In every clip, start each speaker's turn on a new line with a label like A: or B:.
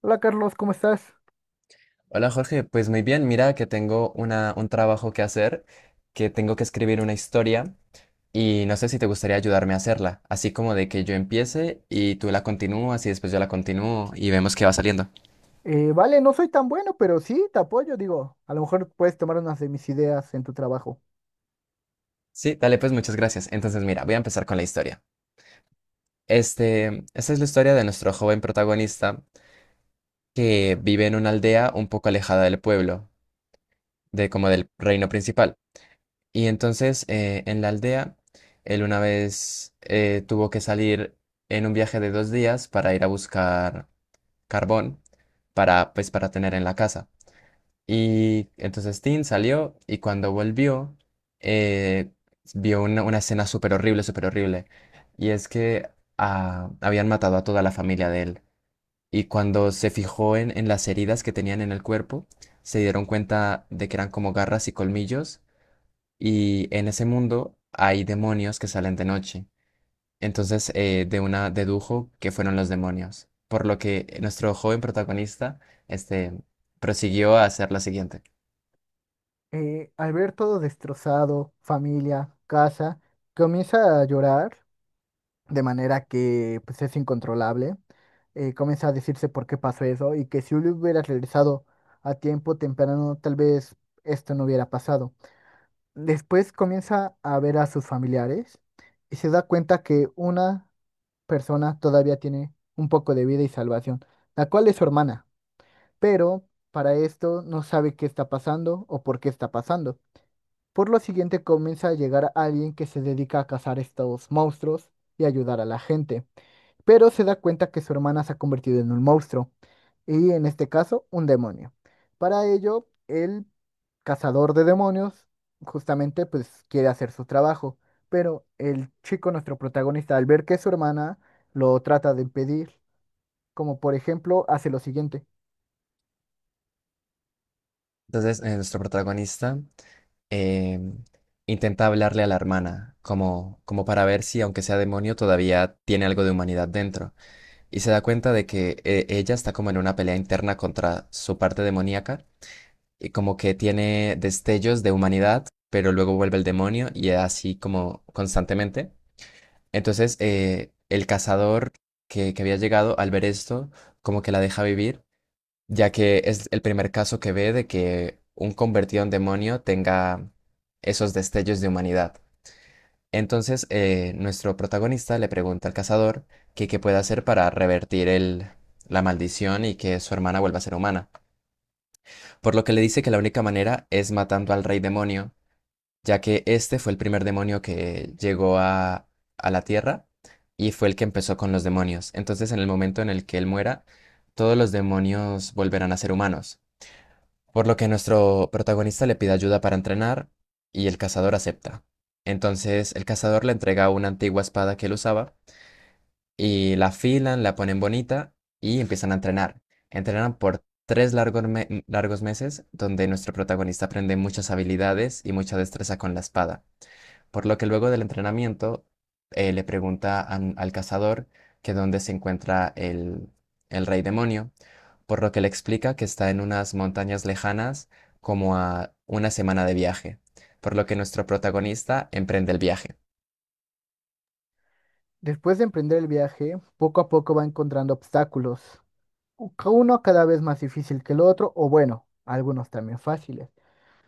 A: Hola Carlos, ¿cómo estás?
B: Hola Jorge, pues muy bien, mira que tengo un trabajo que hacer, que tengo que escribir una historia y no sé si te gustaría ayudarme a hacerla, así como de que yo empiece y tú la continúas y después yo la continúo y vemos qué va saliendo.
A: Vale, no soy tan bueno, pero sí, te apoyo, digo, a lo mejor puedes tomar unas de mis ideas en tu trabajo.
B: Sí, dale pues muchas gracias. Entonces mira, voy a empezar con la historia. Esta es la historia de nuestro joven protagonista que vive en una aldea un poco alejada del pueblo, de como del reino principal. Y entonces en la aldea, él una vez tuvo que salir en un viaje de 2 días para ir a buscar carbón para, pues, para tener en la casa. Y entonces Tim salió y cuando volvió, eh, vio una escena súper horrible, súper horrible. Y es que habían matado a toda la familia de él. Y cuando se fijó en las heridas que tenían en el cuerpo, se dieron cuenta de que eran como garras y colmillos, y en ese mundo hay demonios que salen de noche. Entonces, de una dedujo que fueron los demonios. Por lo que nuestro joven protagonista, este, prosiguió a hacer lo siguiente.
A: Al ver todo destrozado, familia, casa, comienza a llorar de manera que pues, es incontrolable. Comienza a decirse por qué pasó eso y que si hubiera regresado a tiempo temprano, tal vez esto no hubiera pasado. Después comienza a ver a sus familiares y se da cuenta que una persona todavía tiene un poco de vida y salvación, la cual es su hermana, pero para esto no sabe qué está pasando o por qué está pasando. Por lo siguiente comienza a llegar alguien que se dedica a cazar estos monstruos y ayudar a la gente, pero se da cuenta que su hermana se ha convertido en un monstruo, y en este caso, un demonio. Para ello, el cazador de demonios justamente pues quiere hacer su trabajo, pero el chico, nuestro protagonista, al ver que su hermana lo trata de impedir, como por ejemplo, hace lo siguiente.
B: Entonces, nuestro protagonista eh, intenta hablarle a la hermana, como para ver si, aunque sea demonio, todavía tiene algo de humanidad dentro. Y se da cuenta de que ella está como en una pelea interna contra su parte demoníaca y como que tiene destellos de humanidad, pero luego vuelve el demonio y así como constantemente. Entonces, el cazador que había llegado, al ver esto, como que la deja vivir, ya que es el primer caso que ve de que un convertido en demonio tenga esos destellos de humanidad. Entonces, nuestro protagonista le pregunta al cazador que qué puede hacer para revertir la maldición y que su hermana vuelva a ser humana, por lo que le dice que la única manera es matando al rey demonio, ya que este fue el primer demonio que llegó a la Tierra y fue el que empezó con los demonios. Entonces, en el momento en el que él muera, todos los demonios volverán a ser humanos, por lo que nuestro protagonista le pide ayuda para entrenar y el cazador acepta. Entonces, el cazador le entrega una antigua espada que él usaba, y la afilan, la ponen bonita y empiezan a entrenar. Entrenan por tres largos meses, donde nuestro protagonista aprende muchas habilidades y mucha destreza con la espada, por lo que luego del entrenamiento le pregunta al cazador que dónde se encuentra el rey demonio, por lo que le explica que está en unas montañas lejanas, como a una semana de viaje, por lo que nuestro protagonista emprende el viaje.
A: Después de emprender el viaje, poco a poco va encontrando obstáculos, uno cada vez más difícil que el otro, o bueno, algunos también fáciles.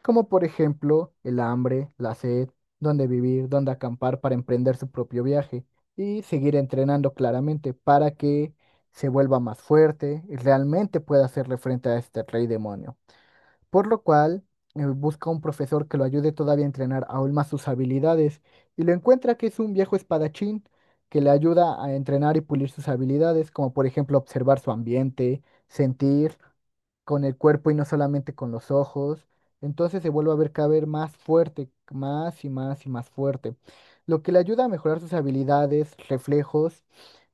A: Como por ejemplo el hambre, la sed, dónde vivir, dónde acampar para emprender su propio viaje y seguir entrenando claramente para que se vuelva más fuerte y realmente pueda hacerle frente a este rey demonio. Por lo cual, busca un profesor que lo ayude todavía a entrenar aún más sus habilidades y lo encuentra que es un viejo espadachín que le ayuda a entrenar y pulir sus habilidades, como por ejemplo observar su ambiente, sentir con el cuerpo y no solamente con los ojos. Entonces se vuelve a ver cada vez más fuerte, más y más y más fuerte, lo que le ayuda a mejorar sus habilidades, reflejos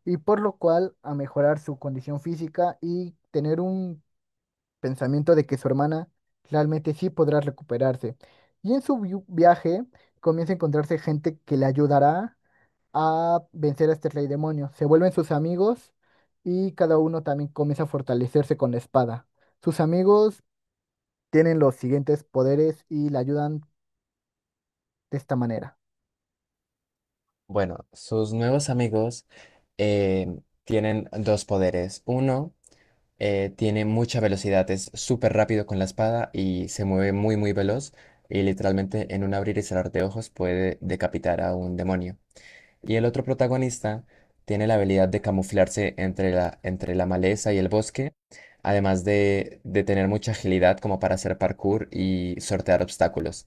A: y por lo cual a mejorar su condición física y tener un pensamiento de que su hermana realmente sí podrá recuperarse. Y en su viaje comienza a encontrarse gente que le ayudará a vencer a este rey demonio. Se vuelven sus amigos y cada uno también comienza a fortalecerse con la espada. Sus amigos tienen los siguientes poderes y le ayudan de esta manera.
B: Bueno, sus nuevos amigos eh, tienen dos poderes. Uno tiene mucha velocidad, es súper rápido con la espada y se mueve muy muy veloz, y literalmente en un abrir y cerrar de ojos puede decapitar a un demonio. Y el otro protagonista tiene la habilidad de camuflarse entre la maleza y el bosque, además de tener mucha agilidad como para hacer parkour y sortear obstáculos.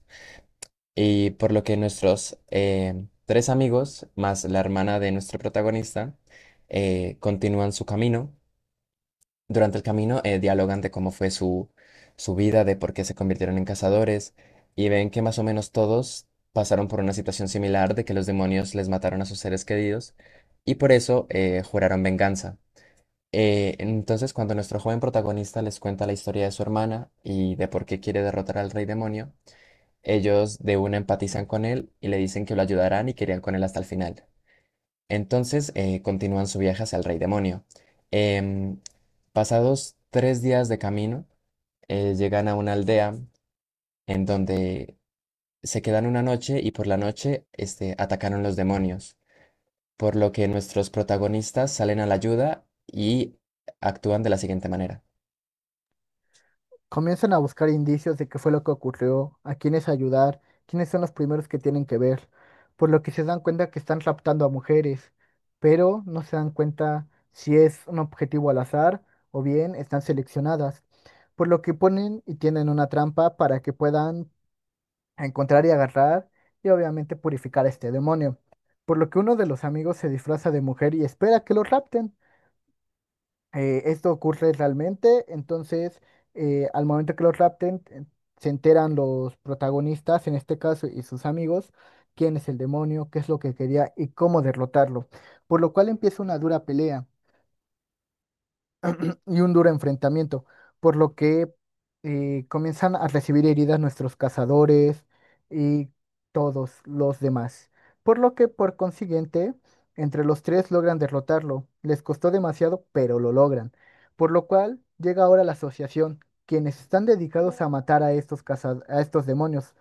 B: Y por lo que nuestros tres amigos, más la hermana de nuestro protagonista, continúan su camino. Durante el camino dialogan de cómo fue su vida, de por qué se convirtieron en cazadores, y ven que más o menos todos pasaron por una situación similar de que los demonios les mataron a sus seres queridos, y por eso juraron venganza. Entonces, cuando nuestro joven protagonista les cuenta la historia de su hermana y de por qué quiere derrotar al rey demonio, ellos de una empatizan con él y le dicen que lo ayudarán y querían con él hasta el final. Entonces continúan su viaje hacia el Rey Demonio. Em, pasados 3 días de camino, llegan a una aldea en donde se quedan una noche, y por la noche atacaron los demonios, por lo que nuestros protagonistas salen a la ayuda y actúan de la siguiente manera.
A: Comienzan a buscar indicios de qué fue lo que ocurrió, a quiénes ayudar, quiénes son los primeros que tienen que ver, por lo que se dan cuenta que están raptando a mujeres, pero no se dan cuenta si es un objetivo al azar o bien están seleccionadas, por lo que ponen y tienen una trampa para que puedan a encontrar y agarrar y obviamente purificar a este demonio. Por lo que uno de los amigos se disfraza de mujer y espera que lo rapten. Esto ocurre realmente, entonces al momento que lo rapten, se enteran los protagonistas, en este caso, y sus amigos, quién es el demonio, qué es lo que quería y cómo derrotarlo. Por lo cual empieza una dura pelea. Duro y un duro enfrentamiento, por lo que comienzan a recibir heridas nuestros cazadores y todos los demás. Por lo que, por consiguiente, entre los tres logran derrotarlo. Les costó demasiado, pero lo logran. Por lo cual llega ahora la asociación, quienes están dedicados a matar a estos a estos demonios,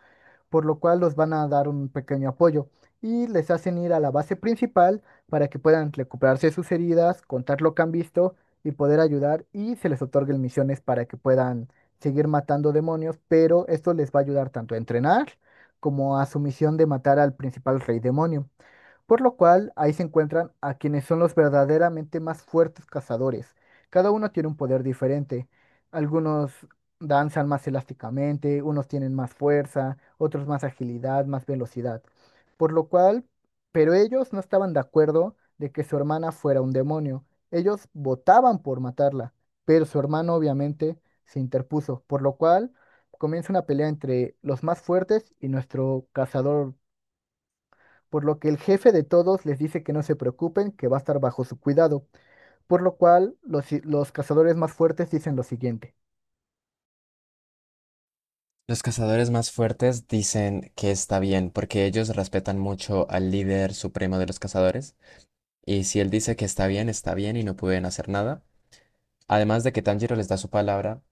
A: por lo cual los van a dar un pequeño apoyo y les hacen ir a la base principal para que puedan recuperarse sus heridas, contar lo que han visto y poder ayudar y se les otorguen misiones para que puedan seguir matando demonios, pero esto les va a ayudar tanto a entrenar como a su misión de matar al principal rey demonio, por lo cual ahí se encuentran a quienes son los verdaderamente más fuertes cazadores. Cada uno tiene un poder diferente. Algunos danzan más elásticamente, unos tienen más fuerza, otros más agilidad, más velocidad. Por lo cual, pero ellos no estaban de acuerdo de que su hermana fuera un demonio. Ellos votaban por matarla, pero su hermano obviamente se interpuso, por lo cual comienza una pelea entre los más fuertes y nuestro cazador, por lo que el jefe de todos les dice que no se preocupen, que va a estar bajo su cuidado, por lo cual los cazadores más fuertes dicen lo siguiente.
B: Los cazadores más fuertes dicen que está bien porque ellos respetan mucho al líder supremo de los cazadores, y si él dice que está bien y no pueden hacer nada. Además de que Tanjiro les da su palabra,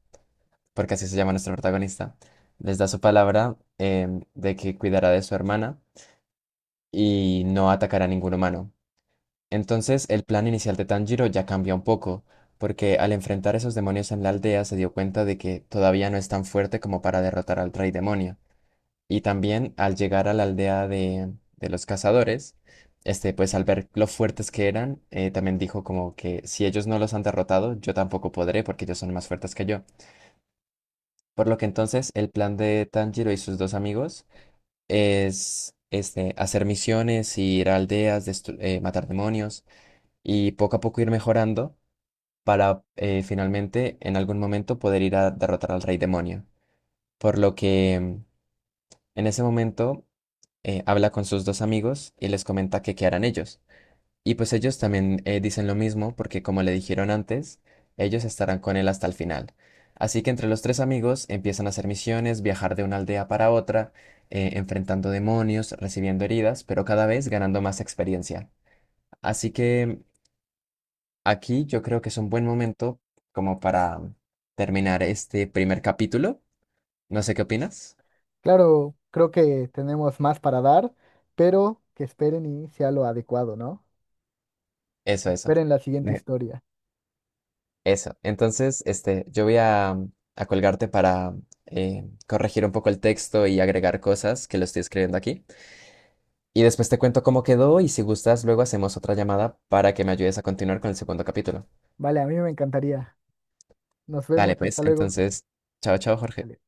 B: porque así se llama nuestra protagonista, les da su palabra de que cuidará de su hermana y no atacará a ningún humano. Entonces, el plan inicial de Tanjiro ya cambia un poco, porque al enfrentar esos demonios en la aldea se dio cuenta de que todavía no es tan fuerte como para derrotar al rey demonio. Y también al llegar a la aldea de los cazadores, pues al ver lo fuertes que eran, también dijo como que si ellos no los han derrotado, yo tampoco podré porque ellos son más fuertes que yo. Por lo que entonces el plan de Tanjiro y sus dos amigos es este: hacer misiones, ir a aldeas, matar demonios y poco a poco ir mejorando, para finalmente en algún momento poder ir a derrotar al rey demonio. Por lo que en ese momento habla con sus dos amigos y les comenta que qué harán ellos. Y pues ellos también dicen lo mismo, porque como le dijeron antes, ellos estarán con él hasta el final. Así que entre los tres amigos empiezan a hacer misiones, viajar de una aldea para otra, enfrentando demonios, recibiendo heridas, pero cada vez ganando más experiencia. Así que aquí yo creo que es un buen momento como para terminar este primer capítulo. No sé qué opinas.
A: Claro, creo que tenemos más para dar, pero que esperen y sea lo adecuado, ¿no?
B: Eso, eso.
A: Esperen la siguiente historia.
B: Eso. Entonces, yo voy a colgarte para corregir un poco el texto y agregar cosas que lo estoy escribiendo aquí. Y después te cuento cómo quedó, y si gustas, luego hacemos otra llamada para que me ayudes a continuar con el segundo capítulo.
A: Vale, a mí me encantaría. Nos
B: Dale,
A: vemos,
B: pues,
A: hasta luego.
B: entonces, chao, chao, Jorge.
A: Vale.